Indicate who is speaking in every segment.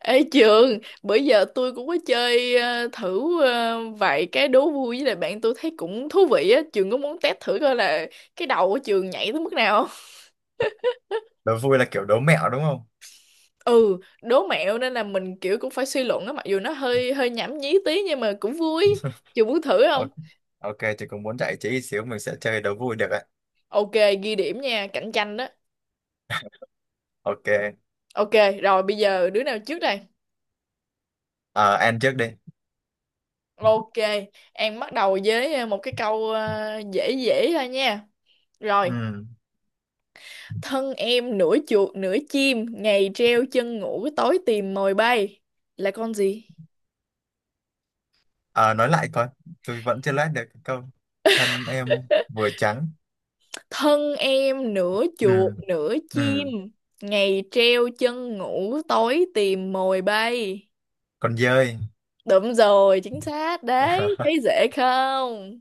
Speaker 1: Ê Trường, bữa giờ tôi cũng có chơi thử vài cái đố vui với lại bạn tôi thấy cũng thú vị á. Trường có muốn test thử coi là cái đầu của Trường nhảy tới mức nào không?
Speaker 2: Đố vui là kiểu đố mẹo đúng không?
Speaker 1: Ừ, đố mẹo nên là mình kiểu cũng phải suy luận á, mặc dù nó hơi hơi nhảm nhí tí nhưng mà cũng vui. Trường muốn thử không?
Speaker 2: Ok. Ok thì cũng muốn giải trí ít xíu, mình sẽ chơi đố vui được ạ.
Speaker 1: Ok, ghi điểm nha, cạnh tranh đó.
Speaker 2: Ok.
Speaker 1: Ok, rồi bây giờ đứa nào trước đây?
Speaker 2: Ờ, An trước đi.
Speaker 1: Ok, em bắt đầu với một cái câu dễ dễ thôi nha. Rồi,
Speaker 2: Ừ.
Speaker 1: thân em nửa chuột nửa chim, ngày treo chân ngủ tối tìm mồi bay. Là con gì?
Speaker 2: Ờ, nói lại coi, tôi vẫn chưa lát được cái câu. Thân em vừa trắng.
Speaker 1: Thân em nửa chuột
Speaker 2: Ừ.
Speaker 1: nửa chim,
Speaker 2: Ừ.
Speaker 1: ngày treo chân ngủ tối tìm mồi bay.
Speaker 2: Con dơi.
Speaker 1: Đúng rồi, chính xác đấy, thấy dễ không?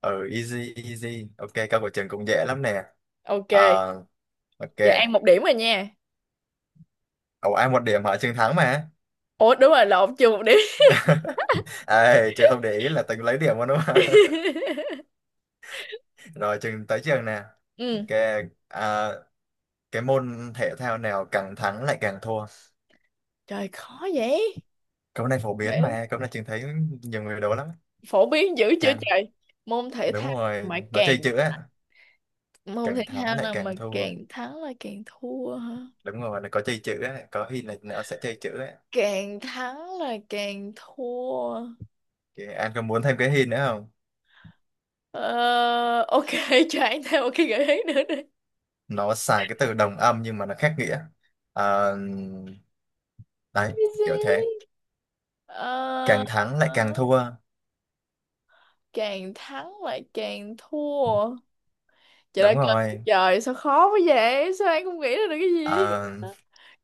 Speaker 2: Ừ, easy easy. Ok, câu của Trường cũng dễ lắm nè.
Speaker 1: Ok,
Speaker 2: Ờ, ok.
Speaker 1: giờ ăn một điểm rồi nha.
Speaker 2: Ồ ai một điểm hả? Trường thắng mà.
Speaker 1: Ủa đúng rồi, lộn chưa một điểm.
Speaker 2: Ê, Trường không để ý là Tường lấy điểm luôn đúng không. Rồi, Trường tới Trường nè.
Speaker 1: Ừ,
Speaker 2: Ok. à, cái môn thể thao nào càng thắng lại càng thua?
Speaker 1: trời khó vậy.
Speaker 2: Câu này phổ biến
Speaker 1: Thể-
Speaker 2: mà, câu này Trường thấy nhiều người đố lắm.
Speaker 1: Phổ biến dữ chưa
Speaker 2: Càng,
Speaker 1: trời? Môn thể
Speaker 2: đúng
Speaker 1: thao
Speaker 2: rồi,
Speaker 1: mà
Speaker 2: nó chơi
Speaker 1: càng
Speaker 2: chữ á.
Speaker 1: môn thể
Speaker 2: Càng thắng
Speaker 1: thao
Speaker 2: lại
Speaker 1: nào mà
Speaker 2: càng thua.
Speaker 1: càng thắng là càng thua hả?
Speaker 2: Đúng rồi, nó có chơi chữ á, có hint là nó sẽ chơi chữ á.
Speaker 1: Càng thắng là càng thua.
Speaker 2: Thì anh có muốn thêm cái hint nữa không?
Speaker 1: Ờ, ok. Cho anh thêm một cái gợi ý nữa đi.
Speaker 2: Nó xài cái từ đồng âm nhưng mà nó khác nghĩa. Ờ, Đấy,
Speaker 1: Cái
Speaker 2: kiểu thế.
Speaker 1: gì? Ờ,
Speaker 2: Càng thắng lại càng thua.
Speaker 1: càng thắng là càng thua. Trời
Speaker 2: Đúng
Speaker 1: ơi trời,
Speaker 2: rồi.
Speaker 1: trời, sao khó quá vậy, sao anh không nghĩ ra được cái gì?
Speaker 2: Ờ,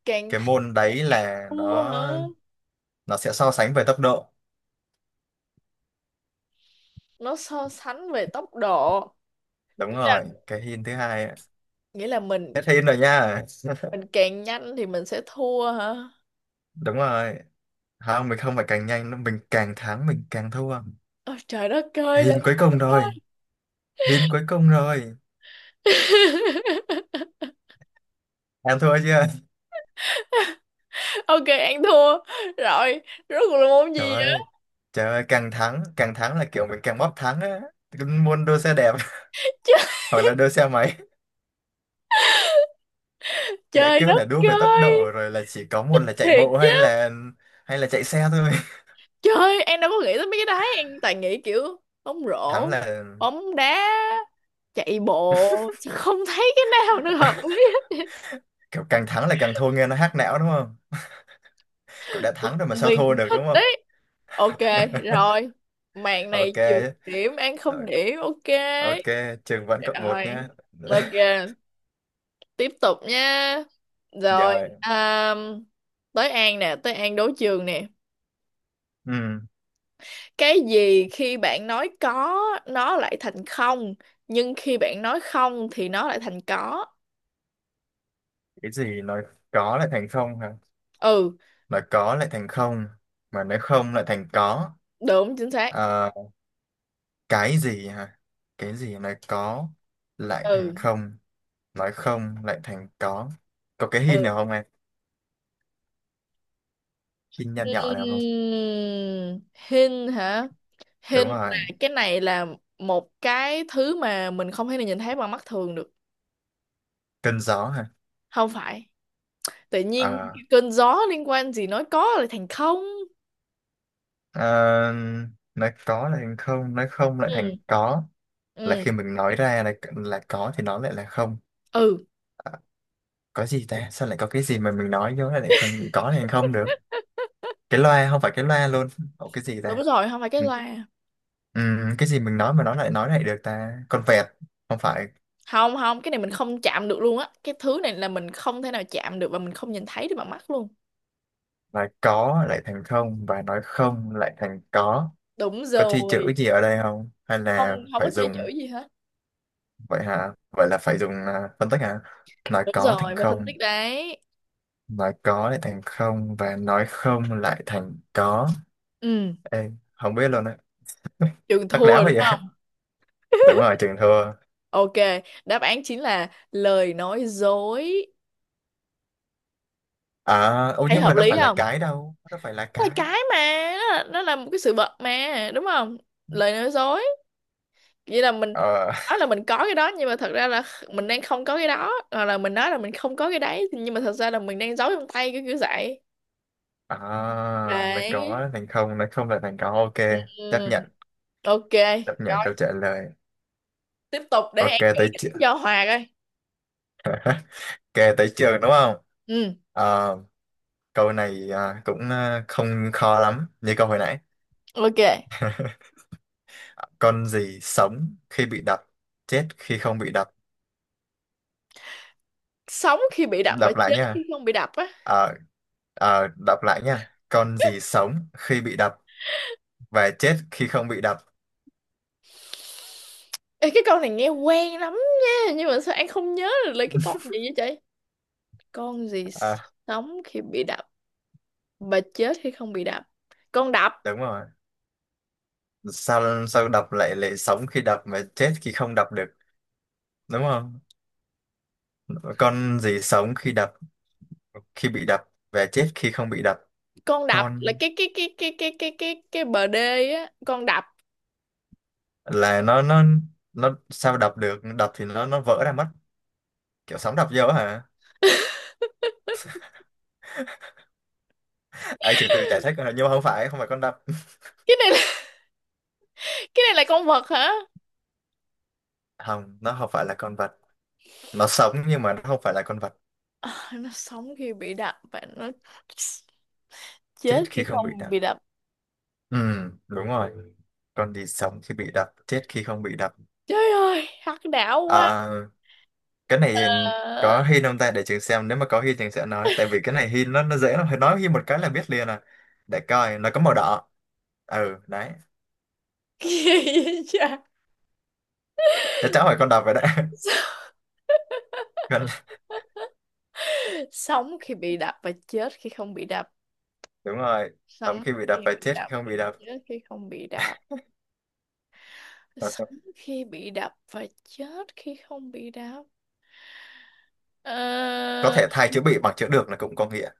Speaker 1: Càng
Speaker 2: cái
Speaker 1: thắng
Speaker 2: môn
Speaker 1: là
Speaker 2: đấy
Speaker 1: càng
Speaker 2: là
Speaker 1: thua
Speaker 2: nó
Speaker 1: hả?
Speaker 2: nó sẽ so sánh về tốc độ.
Speaker 1: Nó so sánh về tốc độ.
Speaker 2: Đúng
Speaker 1: nghĩa là
Speaker 2: rồi, cái hint thứ hai á.
Speaker 1: nghĩa là mình
Speaker 2: Hết hint rồi nha.
Speaker 1: mình càng nhanh thì mình sẽ thua hả?
Speaker 2: Đúng rồi, không, mình không phải càng nhanh nữa, mình càng thắng mình càng thua.
Speaker 1: Ôi, trời đất ơi là
Speaker 2: Hin cuối cùng
Speaker 1: sao ta.
Speaker 2: rồi. Hin cuối cùng rồi. Em thua chưa?
Speaker 1: Ok, ăn thua. Rồi. Rốt cuộc là môn gì
Speaker 2: Trời
Speaker 1: vậy?
Speaker 2: ơi. Trời ơi, càng thắng là kiểu mình càng bóp thắng á. Muốn đua xe đẹp.
Speaker 1: Ch-
Speaker 2: Hoặc là đua xe máy. Đã
Speaker 1: Trời
Speaker 2: kêu
Speaker 1: đất
Speaker 2: là đua về tốc
Speaker 1: ơi.
Speaker 2: độ rồi, là chỉ có một là chạy
Speaker 1: Thiệt
Speaker 2: bộ,
Speaker 1: chứ.
Speaker 2: hay là chạy xe thôi.
Speaker 1: Trời, em đâu có nghĩ tới mấy cái đấy. Em toàn nghĩ kiểu bóng
Speaker 2: Thắng
Speaker 1: rổ,
Speaker 2: là
Speaker 1: bóng đá, chạy bộ. Sao không thấy cái nào nó hợp lý hết.
Speaker 2: kiểu càng thắng là càng thua nghe nó hack não đúng không? Kiểu đã
Speaker 1: Bực
Speaker 2: thắng rồi mà sao
Speaker 1: mình,
Speaker 2: thua được
Speaker 1: thích
Speaker 2: đúng không?
Speaker 1: đấy. Ok, rồi. Mạng này
Speaker 2: Ok.
Speaker 1: trừ điểm, ăn
Speaker 2: Ờ,
Speaker 1: không điểm. Ok,
Speaker 2: ok, trường vẫn cộng một
Speaker 1: rồi,
Speaker 2: nhá.
Speaker 1: ok. Tiếp tục nha. Rồi,
Speaker 2: Rồi.
Speaker 1: um, tới An nè, tới An đấu trường nè.
Speaker 2: Ừ.
Speaker 1: Cái gì khi bạn nói có nó lại thành không, nhưng khi bạn nói không thì nó lại thành có?
Speaker 2: Cái gì nói có lại thành không hả?
Speaker 1: Ừ.
Speaker 2: Nói có lại thành không, mà nói không lại thành có.
Speaker 1: Đúng chính xác.
Speaker 2: Ờ, cái gì hả? Cái gì nói có lại thành
Speaker 1: Ừ,
Speaker 2: không, nói không lại thành có? Có cái hint
Speaker 1: ừ.
Speaker 2: nào không em? Hint nhỏ nhỏ nào không?
Speaker 1: Ừm, hình hả? Hình
Speaker 2: Đúng rồi,
Speaker 1: là cái này là một cái thứ mà mình không thể nào nhìn thấy bằng mắt thường được.
Speaker 2: cơn gió hả?
Speaker 1: Không phải. Tự nhiên
Speaker 2: Ờ,
Speaker 1: cơn gió liên quan gì nói có lại thành không?
Speaker 2: ờ, nói có lại thành không, nói không lại
Speaker 1: Ừ,
Speaker 2: thành có. Là
Speaker 1: ừ,
Speaker 2: khi mình nói ra là có thì nó lại là không.
Speaker 1: ừ.
Speaker 2: Có gì ta, sao lại có cái gì mà mình nói vô lại lại không có thành không được. Cái loa, không phải cái loa luôn. Ủa, cái gì
Speaker 1: Đúng
Speaker 2: ta?
Speaker 1: rồi, không phải cái
Speaker 2: Ừ.
Speaker 1: loa.
Speaker 2: Ừm, cái gì mình nói mà nó lại nói lại được ta, con vẹt? Không phải.
Speaker 1: Không, không, cái này mình không chạm được luôn á, cái thứ này là mình không thể nào chạm được và mình không nhìn thấy được bằng mắt luôn.
Speaker 2: Là có lại thành không và nói không lại thành có.
Speaker 1: Đúng
Speaker 2: Có chi
Speaker 1: rồi.
Speaker 2: chữ gì ở đây không hay
Speaker 1: Không,
Speaker 2: là
Speaker 1: không
Speaker 2: phải
Speaker 1: có chơi
Speaker 2: dùng?
Speaker 1: chữ gì hết.
Speaker 2: Vậy hả, vậy là phải dùng phân tích hả? Nói
Speaker 1: Đúng
Speaker 2: có thành
Speaker 1: rồi, phải phân tích
Speaker 2: không.
Speaker 1: đấy.
Speaker 2: Nói có lại thành không và nói không lại thành có.
Speaker 1: Ừ.
Speaker 2: Ê, không biết luôn á.
Speaker 1: Trường
Speaker 2: Tắc
Speaker 1: thua
Speaker 2: léo
Speaker 1: rồi đúng
Speaker 2: vậy à?
Speaker 1: không?
Speaker 2: Đúng rồi, trường thua.
Speaker 1: Ok, đáp án chính là lời nói dối.
Speaker 2: À ô,
Speaker 1: Thấy
Speaker 2: nhưng
Speaker 1: hợp
Speaker 2: mà đâu
Speaker 1: lý
Speaker 2: phải là
Speaker 1: không?
Speaker 2: cái, đâu đâu phải là
Speaker 1: Đó là
Speaker 2: cái.
Speaker 1: cái mà nó là một cái sự vật mà đúng không? Lời nói dối, vậy là mình
Speaker 2: Ờ
Speaker 1: nói là mình có cái đó nhưng mà thật ra là mình đang không có cái đó, hoặc là mình nói là mình không có cái đấy nhưng mà thật ra là mình đang giấu trong tay, cái kiểu kiểu vậy.
Speaker 2: À, là
Speaker 1: Đấy.
Speaker 2: có thành không, nói không là thành có, ok.
Speaker 1: Ừ,
Speaker 2: Chấp nhận,
Speaker 1: ok.
Speaker 2: chấp nhận
Speaker 1: Rồi,
Speaker 2: câu trả lời.
Speaker 1: tiếp tục để
Speaker 2: Ok,
Speaker 1: em
Speaker 2: tới
Speaker 1: đánh
Speaker 2: trường.
Speaker 1: cho Hòa coi.
Speaker 2: Ok, tới trường đúng không?
Speaker 1: Ừ,
Speaker 2: Ờ, Câu này cũng không khó lắm, như câu hồi nãy.
Speaker 1: ok.
Speaker 2: Con gì sống khi bị đập, chết khi không bị đập?
Speaker 1: Sống khi bị đập và
Speaker 2: Đọc lại
Speaker 1: chết khi
Speaker 2: nha.
Speaker 1: không bị đập á.
Speaker 2: Ờ, Đọc lại nha. Con gì sống khi bị đập và chết khi không bị đập?
Speaker 1: Ê, cái câu này nghe quen lắm nha, nhưng mà sao anh không nhớ được lấy cái con gì vậy trời? Con gì
Speaker 2: À,
Speaker 1: sống khi bị đập và chết khi không bị đập? Con đập,
Speaker 2: đúng rồi. Sao sao đập lại lại sống khi đập mà chết khi không đập được, đúng không? Con gì sống khi đập, khi bị đập và chết khi không bị đập?
Speaker 1: con đập là
Speaker 2: Con
Speaker 1: cái bờ đê á, con đập.
Speaker 2: là nó sao đập được, đập thì nó vỡ ra mất. Kiểu sóng đập vô hả? Ai trừ từ giải thích rồi, nhưng mà không phải, không phải con đập.
Speaker 1: Cái này là, cái này là con vật hả?
Speaker 2: Không, nó không phải là con vật. Nó sống nhưng mà nó không phải là con vật.
Speaker 1: Ờ, nó sống khi bị đập và nó
Speaker 2: Chết
Speaker 1: chết khi
Speaker 2: khi không bị
Speaker 1: không
Speaker 2: đập.
Speaker 1: bị đập.
Speaker 2: Ừ, đúng rồi, con gì sống khi bị đập chết khi không bị đập?
Speaker 1: Trời ơi, hắc não quá.
Speaker 2: à, cái này
Speaker 1: Ờ,
Speaker 2: có hin không ta, để trường xem nếu mà có hin trường sẽ nói, tại vì cái này hin nó dễ lắm, phải nói hin một cái là biết liền à. Để coi, nó có màu đỏ. Ừ đấy.
Speaker 1: kỳ vậy trời.
Speaker 2: Chắc chắn phải con đập rồi đấy. Con.
Speaker 1: Sống khi bị đập và chết khi không bị đập.
Speaker 2: Đúng rồi, sống
Speaker 1: Sống
Speaker 2: khi bị
Speaker 1: khi
Speaker 2: đập, phải
Speaker 1: bị
Speaker 2: chết khi
Speaker 1: đập
Speaker 2: không
Speaker 1: và
Speaker 2: bị đập.
Speaker 1: chết khi không bị đập.
Speaker 2: Hoặc
Speaker 1: Sống khi bị đập và chết khi không bị đập. Ờ,
Speaker 2: có thể thay chữ bị bằng chữ được là cũng có nghĩa.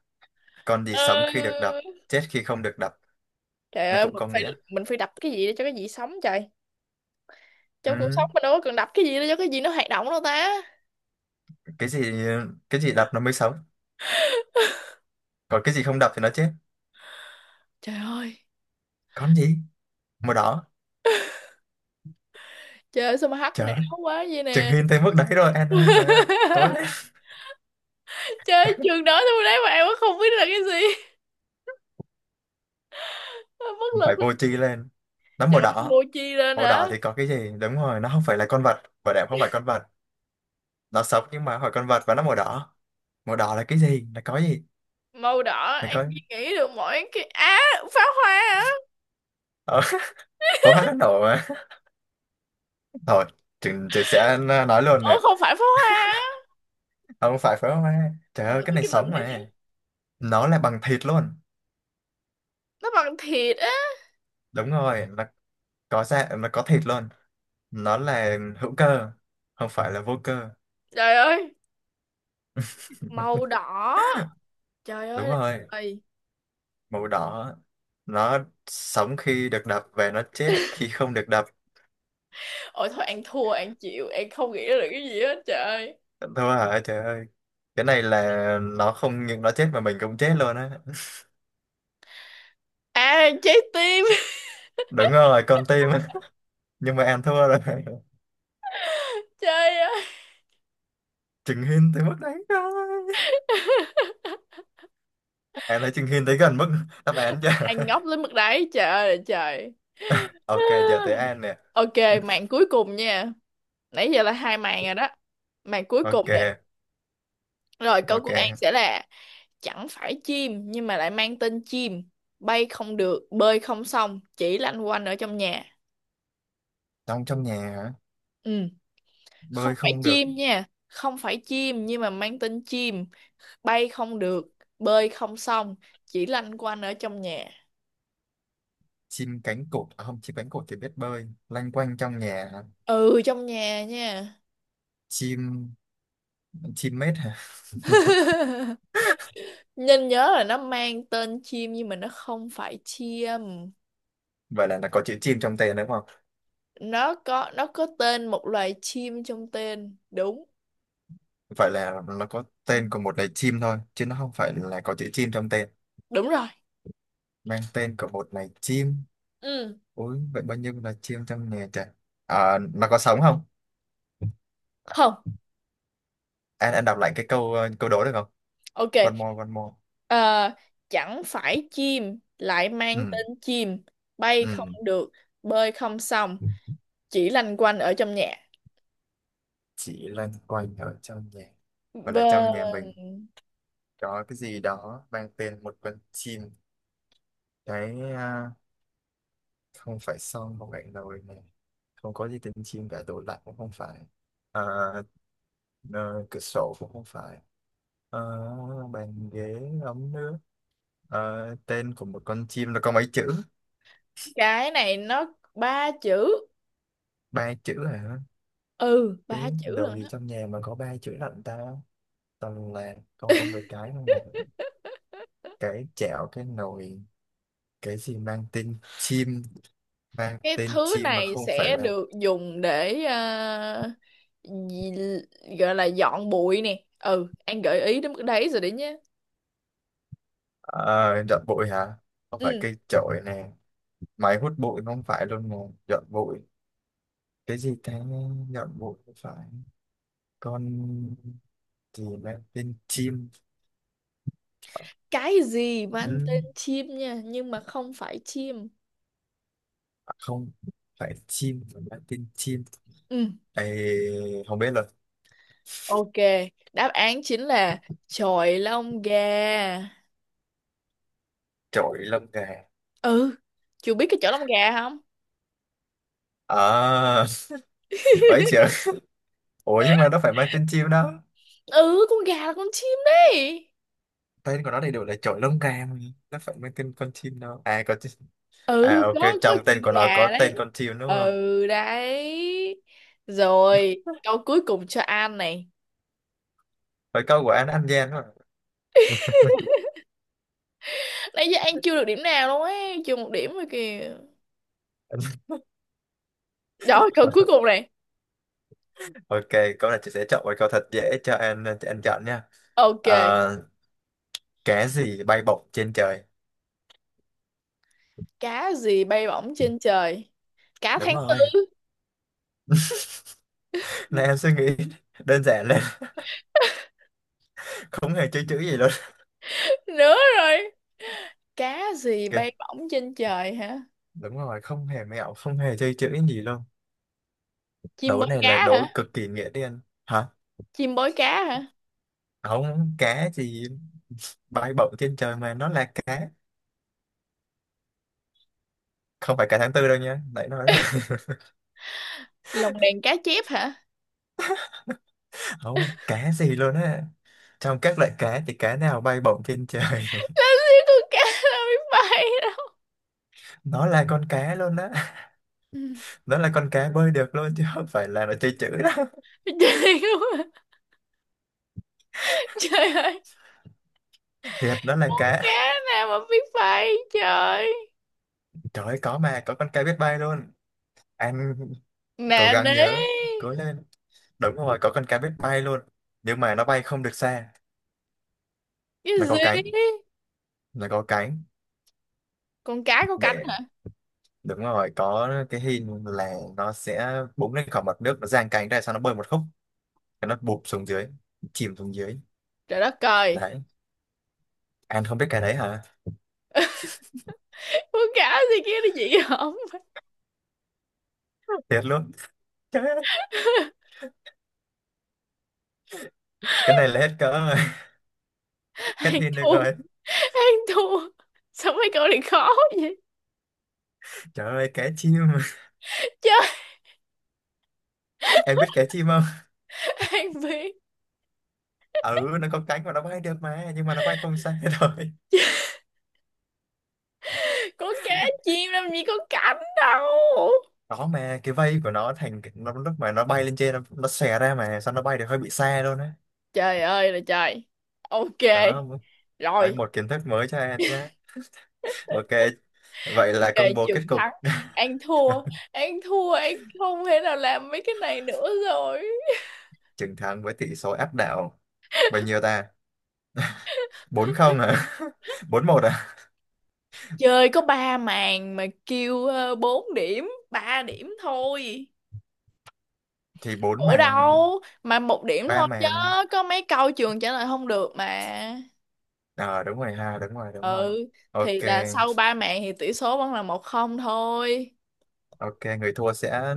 Speaker 2: Con gì sống khi được
Speaker 1: ờ.
Speaker 2: đập chết khi không được đập,
Speaker 1: Trời
Speaker 2: nó
Speaker 1: ơi,
Speaker 2: cũng
Speaker 1: mình
Speaker 2: có
Speaker 1: phải
Speaker 2: nghĩa.
Speaker 1: mình phải đập cái gì để cho cái gì sống trời.
Speaker 2: Ừ.
Speaker 1: Trong cuộc sống mình đâu có cần đập cái gì để cho cái gì nó hoạt động đâu ta.
Speaker 2: Cái gì, cái gì đập nó mới sống, còn cái gì không đập thì nó chết.
Speaker 1: Trời ơi,
Speaker 2: Con gì màu đỏ?
Speaker 1: trời ơi, sao mà hắc
Speaker 2: Trời
Speaker 1: não
Speaker 2: ơi,
Speaker 1: quá vậy
Speaker 2: chừng
Speaker 1: nè.
Speaker 2: hin tới mức đấy rồi anh ơi, trời ơi cố lên.
Speaker 1: Trời ơi, trường nói tôi đấy mà em cũng không biết là cái gì. Bất lực
Speaker 2: Phải vô tri
Speaker 1: thì
Speaker 2: lên. Nó
Speaker 1: chả
Speaker 2: màu
Speaker 1: phải
Speaker 2: đỏ.
Speaker 1: mua chi lên
Speaker 2: Màu
Speaker 1: hả?
Speaker 2: đỏ thì có cái gì, đúng rồi nó không phải là con vật, bảo đảm không phải con vật. Nó sống nhưng mà hỏi con vật, và nó màu đỏ. Màu đỏ là cái gì, là có gì?
Speaker 1: Màu đỏ
Speaker 2: Là
Speaker 1: An
Speaker 2: có.
Speaker 1: Duy nghĩ được mỗi cái á, pháo hoa á.
Speaker 2: ờ, Pháo hoa nó nổ mà. Thôi chừng chị sẽ nói luôn nè.
Speaker 1: Ủa không phải pháo hoa á?
Speaker 2: Không phải pháo hoa, trời
Speaker 1: Nội
Speaker 2: ơi
Speaker 1: có
Speaker 2: cái này
Speaker 1: cái mình
Speaker 2: sống
Speaker 1: thì
Speaker 2: mà.
Speaker 1: chứ.
Speaker 2: Nó là bằng thịt luôn.
Speaker 1: Nó bằng thịt á?
Speaker 2: Đúng rồi, nó có da nó có thịt luôn. Nó là hữu cơ, không phải là vô cơ.
Speaker 1: Trời ơi, màu đỏ, trời ơi
Speaker 2: Đúng
Speaker 1: là
Speaker 2: rồi,
Speaker 1: trời.
Speaker 2: màu đỏ. Nó sống khi được đập và nó chết khi không được đập.
Speaker 1: Ôi thôi, An thua, An chịu, An không nghĩ ra được cái gì hết trời.
Speaker 2: Thua hả? Trời ơi. Cái này là nó không những nó chết mà mình cũng chết luôn á.
Speaker 1: À, trái tim.
Speaker 2: Đúng rồi, con tim á. Nhưng mà em thua rồi.
Speaker 1: Trời ơi.
Speaker 2: Chừng Hin tới mức đấy rồi. Em thấy Chừng Hin tới gần mức đáp án chưa?
Speaker 1: An ngốc đến mức đấy trời ơi là trời.
Speaker 2: Ok, giờ tới An nè.
Speaker 1: Ok, màn cuối cùng nha, nãy giờ là hai màn rồi đó, màn cuối cùng
Speaker 2: Ok,
Speaker 1: nè. Rồi, câu của
Speaker 2: ok.
Speaker 1: An sẽ là chẳng phải chim nhưng mà lại mang tên chim, bay không được, bơi không xong, chỉ lanh quanh ở trong nhà.
Speaker 2: Trong trong nhà hả?
Speaker 1: Ừ, không
Speaker 2: Bơi
Speaker 1: phải
Speaker 2: không được.
Speaker 1: chim nha, không phải chim nhưng mà mang tên chim, bay không được, bơi không xong, chỉ lanh quanh ở trong nhà.
Speaker 2: Chim cánh cụt. À, không, chim cánh cụt thì biết bơi. Lanh quanh trong nhà hả?
Speaker 1: Ừ, trong nhà nha.
Speaker 2: Chim... Chim mết hả?
Speaker 1: Nên nhớ là nó mang tên chim nhưng mà nó không phải chim.
Speaker 2: Vậy là nó có chữ chim trong tên đúng không?
Speaker 1: Nó có tên một loài chim trong tên. Đúng,
Speaker 2: Vậy là nó có tên của một loài chim thôi, chứ nó không phải là có chữ chim trong tên.
Speaker 1: đúng rồi.
Speaker 2: Mang tên của một loài chim.
Speaker 1: Ừ.
Speaker 2: Ôi vậy bao nhiêu loài chim trong nhà trời. À, nó có sống không?
Speaker 1: Không.
Speaker 2: Anh đọc lại cái câu câu đố được không?
Speaker 1: Ok,
Speaker 2: One more one more.
Speaker 1: ờ, chẳng phải chim lại
Speaker 2: Ừ.
Speaker 1: mang tên chim, bay không
Speaker 2: Ừ.
Speaker 1: được, bơi không xong, chỉ lanh quanh ở trong nhà.
Speaker 2: Chỉ loanh quanh ở trong nhà, hoặc là trong nhà
Speaker 1: Bên
Speaker 2: mình có cái gì đó mang tên một con chim. Cái, không phải son, không phải nồi này. Không có gì tên chim cả, tủ lạnh cũng không phải. à, ờ, Cửa sổ cũng không phải. Ờ, Bàn ghế, ấm nước. Tên của một con chim nó có mấy chữ?
Speaker 1: cái này nó ba chữ,
Speaker 2: Ba chữ hả?
Speaker 1: ừ
Speaker 2: Cái
Speaker 1: ba chữ
Speaker 2: đồ
Speaker 1: luôn
Speaker 2: gì
Speaker 1: đó.
Speaker 2: trong nhà mà có ba chữ lận ta? Toàn là con với cái không mà. Cái chảo, cái nồi. Cái gì mang tên chim? Mang
Speaker 1: Cái
Speaker 2: tên
Speaker 1: thứ
Speaker 2: chim mà
Speaker 1: này
Speaker 2: không phải
Speaker 1: sẽ
Speaker 2: là.
Speaker 1: được dùng để gì- gọi là dọn bụi nè. Ừ, anh gợi ý đến mức đấy rồi đấy nhé.
Speaker 2: Ờ, Dọn bụi hả? Không phải
Speaker 1: Ừ,
Speaker 2: cây chổi nè. Máy hút bụi không phải luôn nè. Dọn bụi cái gì ta? Dọn bụi. Không phải con gì mang tên chim.
Speaker 1: cái gì mang
Speaker 2: Ừ,
Speaker 1: tên chim nha, nhưng mà không phải chim.
Speaker 2: không phải chim mà mang tên chim.
Speaker 1: Ừ.
Speaker 2: Ê, không biết là.
Speaker 1: Ok, đáp án chính là chọi lông gà.
Speaker 2: Chổi lông gà.
Speaker 1: Ừ, chú biết cái chọi lông gà không?
Speaker 2: À, bảy triệu Ủa nhưng mà nó phải mang tên chim đó.
Speaker 1: Ừ, con gà là con chim đấy.
Speaker 2: Tên của nó đầy đủ là chổi lông gà mà. Nó phải mang tên con chim, đâu à có chim. À
Speaker 1: Ừ,
Speaker 2: ok,
Speaker 1: có
Speaker 2: trong
Speaker 1: chữ
Speaker 2: tên của nó có
Speaker 1: gà đấy.
Speaker 2: tên con chim đúng không?
Speaker 1: Ừ đấy. Rồi, câu cuối cùng cho An này.
Speaker 2: Với câu của anh gian mà.
Speaker 1: Nãy giờ An chưa được điểm nào luôn ấy, chưa một điểm rồi kìa. Đó, câu cuối cùng này.
Speaker 2: Ok, câu này chị sẽ chọn một câu thật dễ cho anh, cho anh chọn nha.
Speaker 1: Ok,
Speaker 2: à, cái gì bay bổng trên trời?
Speaker 1: cá gì bay bổng trên trời? Cá
Speaker 2: Đúng
Speaker 1: tháng
Speaker 2: rồi.
Speaker 1: tư
Speaker 2: Này em suy nghĩ đơn giản lên. Không hề chơi chữ gì luôn.
Speaker 1: nữa rồi. Cá gì bay
Speaker 2: Ok,
Speaker 1: bổng trên trời hả?
Speaker 2: đúng rồi, không hề mẹo, không hề chơi chữ gì luôn.
Speaker 1: Chim
Speaker 2: Đố
Speaker 1: bó
Speaker 2: này là
Speaker 1: cá
Speaker 2: đố
Speaker 1: hả?
Speaker 2: cực kỳ nghĩa đen. Hả?
Speaker 1: Chim bói cá hả?
Speaker 2: Không, cá gì bay bổng trên trời mà nó là cá, không phải cá tháng tư đâu nha, nãy nói đó.
Speaker 1: Lồng đèn cá chép hả?
Speaker 2: Không, cá gì luôn á, trong các loại cá thì cá nào bay bổng trên trời.
Speaker 1: Làm gì con cá nó biết bay đâu.
Speaker 2: Nó là con cá luôn á, nó là con cá bơi được luôn chứ không phải là nó chơi chữ đó.
Speaker 1: Trời ơi, trời ơi,
Speaker 2: Thiệt, nó là
Speaker 1: con
Speaker 2: cá.
Speaker 1: cá nào mà biết bay trời?
Speaker 2: Trời ơi, có mà, có con cá biết bay luôn. Anh cố
Speaker 1: Nè
Speaker 2: gắng
Speaker 1: nế
Speaker 2: nhớ, cố lên. Đúng rồi, có con cá biết bay luôn, nhưng mà nó bay không được xa.
Speaker 1: cái
Speaker 2: Nó
Speaker 1: gì?
Speaker 2: có cánh, nó có cánh.
Speaker 1: Con cá có cánh
Speaker 2: Để,
Speaker 1: hả?
Speaker 2: đúng rồi, có cái hình là nó sẽ búng lên khỏi mặt nước, nó giang cánh ra sau nó bơi một khúc, cái nó bụp xuống dưới, chìm xuống dưới.
Speaker 1: Trời đất trời,
Speaker 2: Đấy. Anh không biết cái đấy hả?
Speaker 1: con cá gì kia nó gì không?
Speaker 2: Thiệt luôn. cái, cái này là hết cỡ rồi. Hết
Speaker 1: Ăn
Speaker 2: pin được
Speaker 1: thua,
Speaker 2: rồi.
Speaker 1: ăn thua, sao mấy câu này khó vậy
Speaker 2: Trời ơi, cá chim.
Speaker 1: trời.
Speaker 2: Em biết cá chim không?
Speaker 1: Ăn biết.
Speaker 2: Ừ, nó có cánh mà nó bay được mà, nhưng mà nó bay không xa thôi.
Speaker 1: Con cá chim làm gì có cánh đâu.
Speaker 2: Đó mà cái vây của nó thành cái, nó lúc mà nó bay lên trên nó xòe ra mà sao nó bay được hơi bị xa luôn á.
Speaker 1: Trời ơi là trời. Ok,
Speaker 2: Đó. Đấy,
Speaker 1: rồi.
Speaker 2: một kiến thức mới cho em nhé. Ok, vậy là
Speaker 1: Kề
Speaker 2: công bố
Speaker 1: trường
Speaker 2: kết cục.
Speaker 1: thắng, An thua. An thua, An không thể nào làm mấy cái này nữa rồi.
Speaker 2: Chiến thắng với tỷ số áp đảo. Bao nhiêu ta, 4-0 à? 4-1 à?
Speaker 1: Chơi có ba màn mà kêu bốn điểm ba điểm thôi.
Speaker 2: Thì bốn
Speaker 1: Ủa
Speaker 2: màn.
Speaker 1: đâu mà một điểm
Speaker 2: Ba
Speaker 1: thôi chứ.
Speaker 2: màn.
Speaker 1: Có mấy câu trường trả lời không được mà.
Speaker 2: Ờ đúng rồi ha, đúng rồi, đúng rồi.
Speaker 1: Ừ.
Speaker 2: Ok.
Speaker 1: Thì là sau ba màn thì tỷ số vẫn là 1-0 thôi.
Speaker 2: Ok, người thua sẽ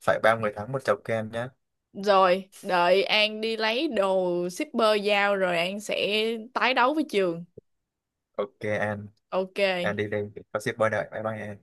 Speaker 2: phải ba người thắng một chầu kem nhé.
Speaker 1: Rồi đợi An đi lấy đồ shipper giao rồi An sẽ tái đấu với trường.
Speaker 2: Ok An
Speaker 1: Ok.
Speaker 2: đi đi, có shipper đợi. Bye bye An.